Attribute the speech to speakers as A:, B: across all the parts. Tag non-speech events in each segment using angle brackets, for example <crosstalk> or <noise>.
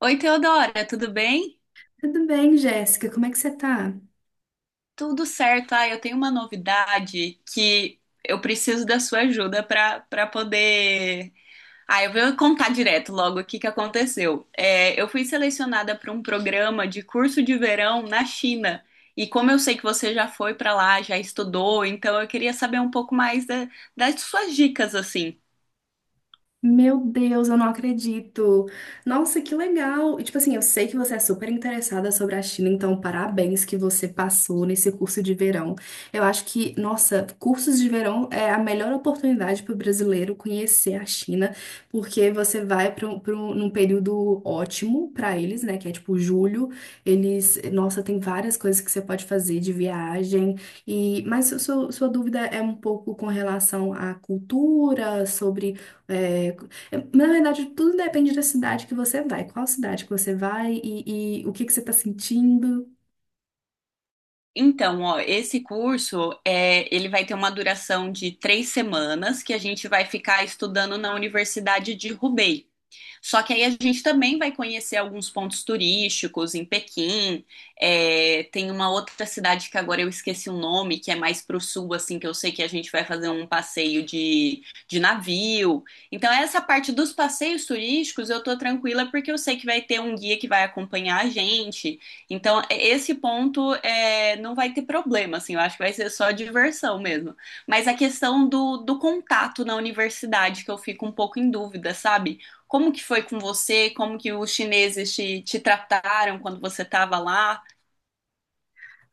A: Oi, Teodora, tudo bem?
B: Tudo bem, Jéssica? Como é que você tá?
A: Tudo certo. Eu tenho uma novidade que eu preciso da sua ajuda para poder. Eu vou contar direto logo o que que aconteceu. Eu fui selecionada para um programa de curso de verão na China. E como eu sei que você já foi para lá, já estudou, então eu queria saber um pouco mais das suas dicas, assim.
B: Meu Deus, eu não acredito. Nossa, que legal. E tipo assim, eu sei que você é super interessada sobre a China, então parabéns que você passou nesse curso de verão. Eu acho que, nossa, cursos de verão é a melhor oportunidade para o brasileiro conhecer a China, porque você vai para um, num período ótimo para eles, né? Que é tipo julho. Eles, nossa, tem várias coisas que você pode fazer de viagem. E mas sua, sua dúvida é um pouco com relação à cultura, é, na verdade, tudo depende da cidade que você vai, qual cidade que você vai, e o que que você está sentindo.
A: Então, ó, esse curso ele vai ter uma duração de 3 semanas que a gente vai ficar estudando na Universidade de Roubaix. Só que aí a gente também vai conhecer alguns pontos turísticos em Pequim. Tem uma outra cidade que agora eu esqueci o nome, que é mais pro sul, assim, que eu sei que a gente vai fazer um passeio de navio. Então, essa parte dos passeios turísticos eu tô tranquila porque eu sei que vai ter um guia que vai acompanhar a gente. Então, esse ponto não vai ter problema, assim, eu acho que vai ser só diversão mesmo. Mas a questão do contato na universidade, que eu fico um pouco em dúvida, sabe? Como que foi com você? Como que os chineses te trataram quando você estava lá?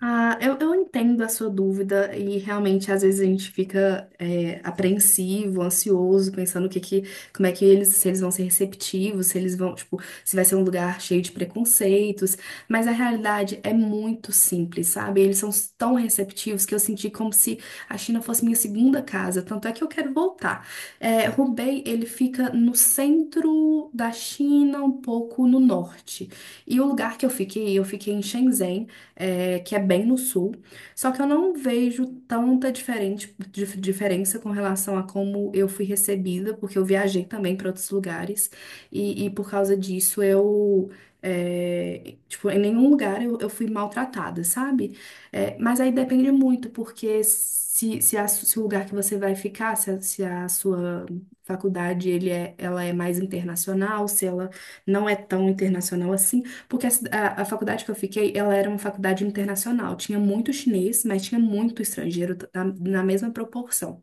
B: Ah, eu entendo a sua dúvida e realmente às vezes a gente fica apreensivo, ansioso, pensando o que que, como é que eles, se eles vão ser receptivos, se eles vão, tipo, se vai ser um lugar cheio de preconceitos, mas a realidade é muito simples, sabe? Eles são tão receptivos que eu senti como se a China fosse minha segunda casa, tanto é que eu quero voltar. É, Hubei, ele fica no centro da China, um pouco no norte. E o lugar que eu fiquei em Shenzhen, é, que é bem no sul. Só que eu não vejo tanta diferente, diferença com relação a como eu fui recebida, porque eu viajei também para outros lugares, e por causa disso eu. É, tipo, em nenhum lugar eu fui maltratada, sabe? É, mas aí depende muito, porque se, a se o lugar que você vai ficar, se a, se a sua faculdade ela é mais internacional, se ela não é tão internacional assim, porque a, a faculdade que eu fiquei, ela era uma faculdade internacional. Tinha muito chinês, mas tinha muito estrangeiro na, na mesma proporção.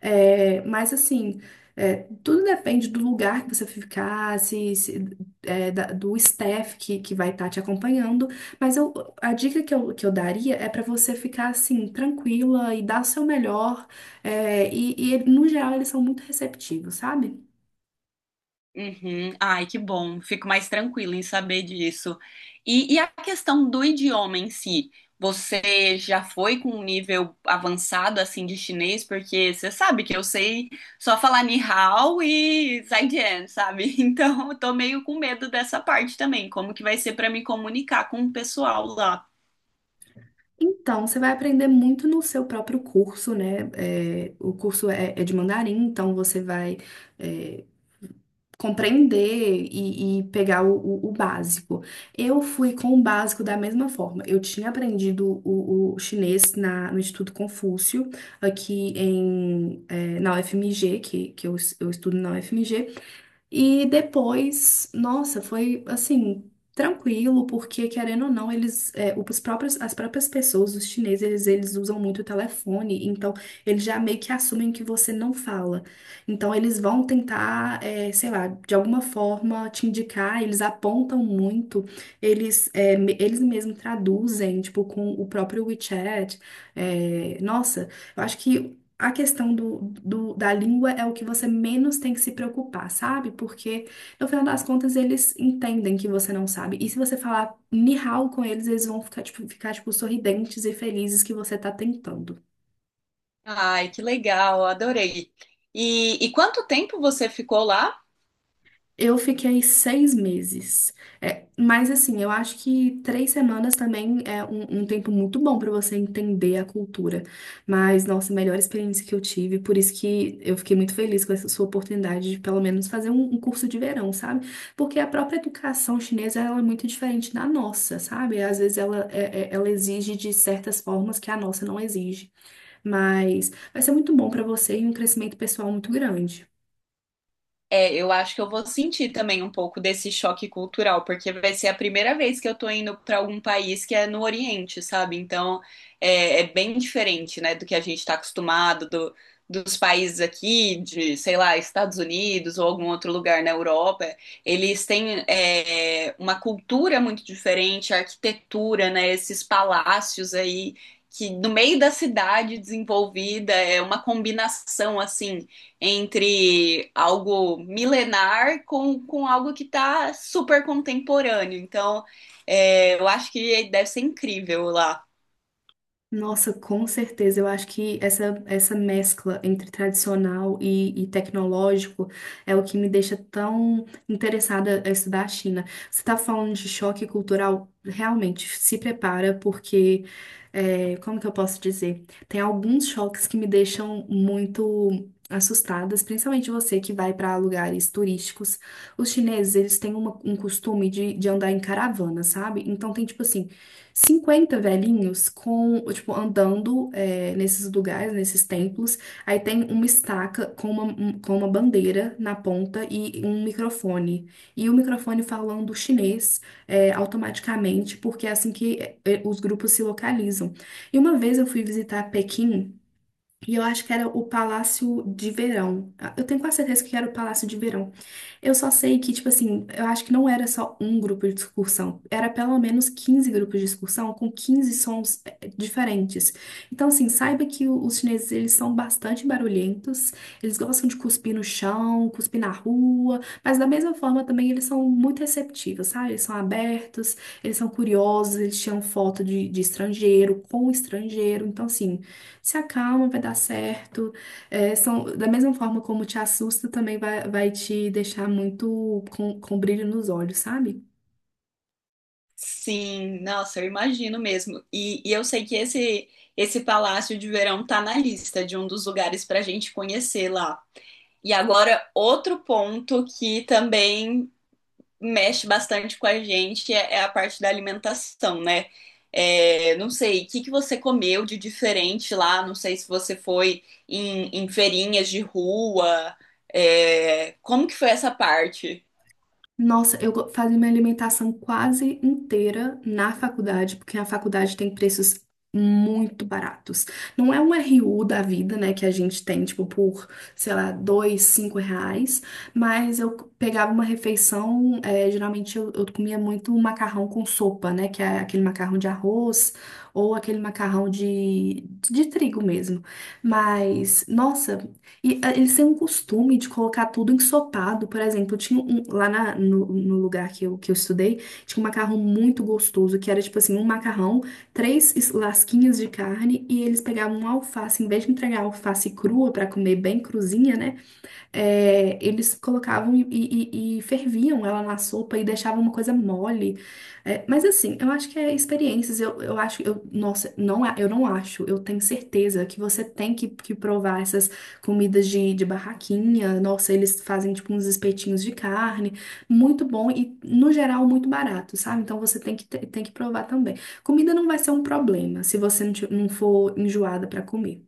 B: É, mas assim, é, tudo depende do lugar que você ficar, se é, do staff que vai estar te acompanhando. Mas eu, a dica que eu daria é para você ficar assim, tranquila e dar o seu melhor. É, e no geral, eles são muito receptivos, sabe?
A: Uhum. Ai, que bom. Fico mais tranquila em saber disso. E a questão do idioma em si? Você já foi com um nível avançado assim de chinês? Porque você sabe que eu sei só falar ni hao e zaijian, sabe? <laughs> Então eu tô meio com medo dessa parte também. Como que vai ser para me comunicar com o pessoal lá?
B: Então, você vai aprender muito no seu próprio curso, né? É, o curso é de mandarim, então você vai, é, compreender e pegar o, o básico. Eu fui com o básico da mesma forma. Eu tinha aprendido o chinês na, no Instituto Confúcio, aqui em, na UFMG, que eu, eu estudo na UFMG, e depois, nossa, foi assim, tranquilo, porque querendo ou não, eles, é, os próprios, as próprias pessoas, os chineses, eles usam muito o telefone, então eles já meio que assumem que você não fala. Então eles vão tentar, é, sei lá, de alguma forma te indicar, eles apontam muito, eles, eles mesmos traduzem, tipo, com o próprio WeChat. É, nossa, eu acho que a questão do, da língua é o que você menos tem que se preocupar, sabe? Porque, no final das contas, eles entendem que você não sabe. E se você falar ni hao com eles, eles vão ficar, tipo, sorridentes e felizes que você tá tentando.
A: Ai, que legal, adorei. E quanto tempo você ficou lá?
B: Eu fiquei seis meses. É, mas assim, eu acho que três semanas também é um, um tempo muito bom para você entender a cultura. Mas, nossa, a melhor experiência que eu tive, por isso que eu fiquei muito feliz com essa sua oportunidade de pelo menos fazer um, um curso de verão, sabe? Porque a própria educação chinesa ela é muito diferente da nossa, sabe? Às vezes ela, ela exige de certas formas que a nossa não exige. Mas vai ser muito bom para você e um crescimento pessoal muito grande.
A: É, eu acho que eu vou sentir também um pouco desse choque cultural, porque vai ser a primeira vez que eu tô indo para algum país que é no Oriente, sabe? Então é bem diferente, né, do que a gente está acostumado, dos países aqui, de, sei lá, Estados Unidos ou algum outro lugar na Europa. Eles têm uma cultura muito diferente, a arquitetura, né, esses palácios aí. Que no meio da cidade desenvolvida é uma combinação assim entre algo milenar com algo que está super contemporâneo. Então, é, eu acho que deve ser incrível lá.
B: Nossa, com certeza. Eu acho que essa mescla entre tradicional e tecnológico é o que me deixa tão interessada a estudar a China. Você está falando de choque cultural? Realmente, se prepara, porque, é, como que eu posso dizer? Tem alguns choques que me deixam muito assustadas, principalmente você que vai para lugares turísticos. Os chineses, eles têm um costume de andar em caravana, sabe? Então, tem tipo assim 50 velhinhos com, tipo, andando é, nesses lugares, nesses templos. Aí tem uma estaca com uma, com uma bandeira na ponta e um microfone. E o microfone falando chinês é, automaticamente, porque é assim que é, os grupos se localizam. E uma vez eu fui visitar Pequim. E eu acho que era o Palácio de Verão. Ah, eu tenho quase certeza que era o Palácio de Verão. Eu só sei que, tipo assim, eu acho que não era só um grupo de excursão, era pelo menos 15 grupos de excursão com 15 sons diferentes. Então, assim, saiba que os chineses, eles são bastante barulhentos, eles gostam de cuspir no chão, cuspir na rua, mas da mesma forma também eles são muito receptivos, sabe? Eles são abertos, eles são curiosos, eles tiram foto de estrangeiro, com estrangeiro. Então, assim, se acalma, vai dar certo. É, são, da mesma forma como te assusta, também vai, vai te deixar muito com brilho nos olhos, sabe?
A: Sim, nossa, eu imagino mesmo. E eu sei que esse Palácio de Verão tá na lista de um dos lugares para a gente conhecer lá. E agora, outro ponto que também mexe bastante com a gente é a parte da alimentação, né? É, não sei, o que que você comeu de diferente lá? Não sei se você foi em feirinhas de rua. É, como que foi essa parte?
B: Nossa, eu fazia minha alimentação quase inteira na faculdade, porque a faculdade tem preços muito baratos. Não é um RU da vida, né, que a gente tem, tipo, por, sei lá, dois, cinco reais, mas eu pegava uma refeição, é, geralmente eu comia muito macarrão com sopa, né, que é aquele macarrão de arroz ou aquele macarrão de trigo mesmo. Mas, nossa, e ah, eles têm um costume de colocar tudo ensopado. Por exemplo, tinha um, lá no, no lugar que eu estudei, tinha um macarrão muito gostoso, que era tipo assim, um macarrão, três lasquinhas de carne, e eles pegavam uma alface, em vez de entregar a alface crua pra comer bem cruzinha, né? É, eles colocavam e, e ferviam ela na sopa e deixavam uma coisa mole. É, mas assim, eu acho que é experiências. Eu acho, eu, nossa, não, eu não acho. Eu tenho certeza que você tem que provar essas comidas de barraquinha. Nossa, eles fazem tipo uns espetinhos de carne, muito bom e no geral muito barato, sabe? Então você tem que, tem que provar também. Comida não vai ser um problema se você não, não for enjoada pra comer.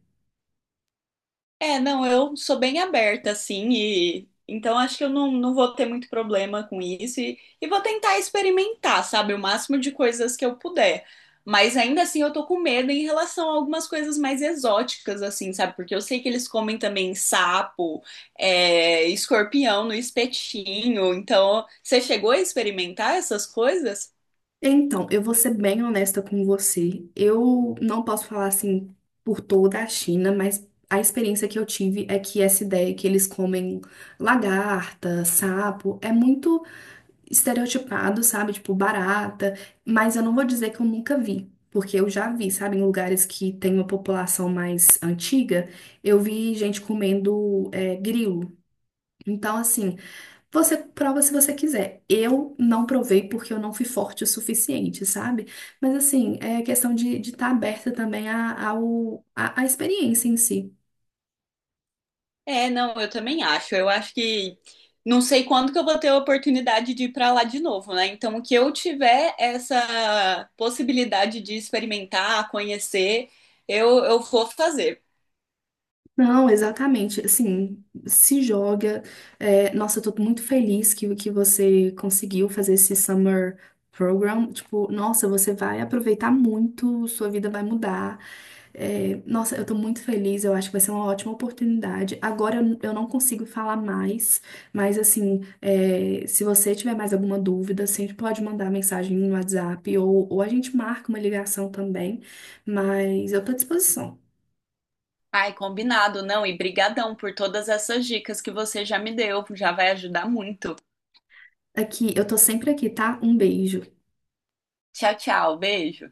A: É, não, eu sou bem aberta, assim, e então acho que eu não vou ter muito problema com isso e vou tentar experimentar, sabe, o máximo de coisas que eu puder. Mas ainda assim eu tô com medo em relação a algumas coisas mais exóticas, assim, sabe? Porque eu sei que eles comem também sapo, é, escorpião no espetinho. Então, você chegou a experimentar essas coisas?
B: Então, eu vou ser bem honesta com você. Eu não posso falar assim por toda a China, mas a experiência que eu tive é que essa ideia que eles comem lagarta, sapo, é muito estereotipado, sabe? Tipo, barata. Mas eu não vou dizer que eu nunca vi, porque eu já vi, sabe? Em lugares que tem uma população mais antiga, eu vi gente comendo, é, grilo. Então, assim. Você prova se você quiser. Eu não provei porque eu não fui forte o suficiente, sabe? Mas assim, é questão de estar aberta também à experiência em si.
A: É, não, eu também acho. Eu acho que não sei quando que eu vou ter a oportunidade de ir para lá de novo, né? Então, o que eu tiver essa possibilidade de experimentar, conhecer, eu vou fazer.
B: Não, exatamente. Assim, se joga. É, nossa, eu tô muito feliz que você conseguiu fazer esse summer program. Tipo, nossa, você vai aproveitar muito, sua vida vai mudar. É, nossa, eu tô muito feliz, eu acho que vai ser uma ótima oportunidade. Agora eu não consigo falar mais, mas assim, é, se você tiver mais alguma dúvida, sempre pode mandar mensagem no WhatsApp ou a gente marca uma ligação também, mas eu tô à disposição.
A: Ai, combinado, não. E brigadão por todas essas dicas que você já me deu, já vai ajudar muito.
B: Aqui, eu tô sempre aqui, tá? Um beijo.
A: Tchau, tchau, beijo.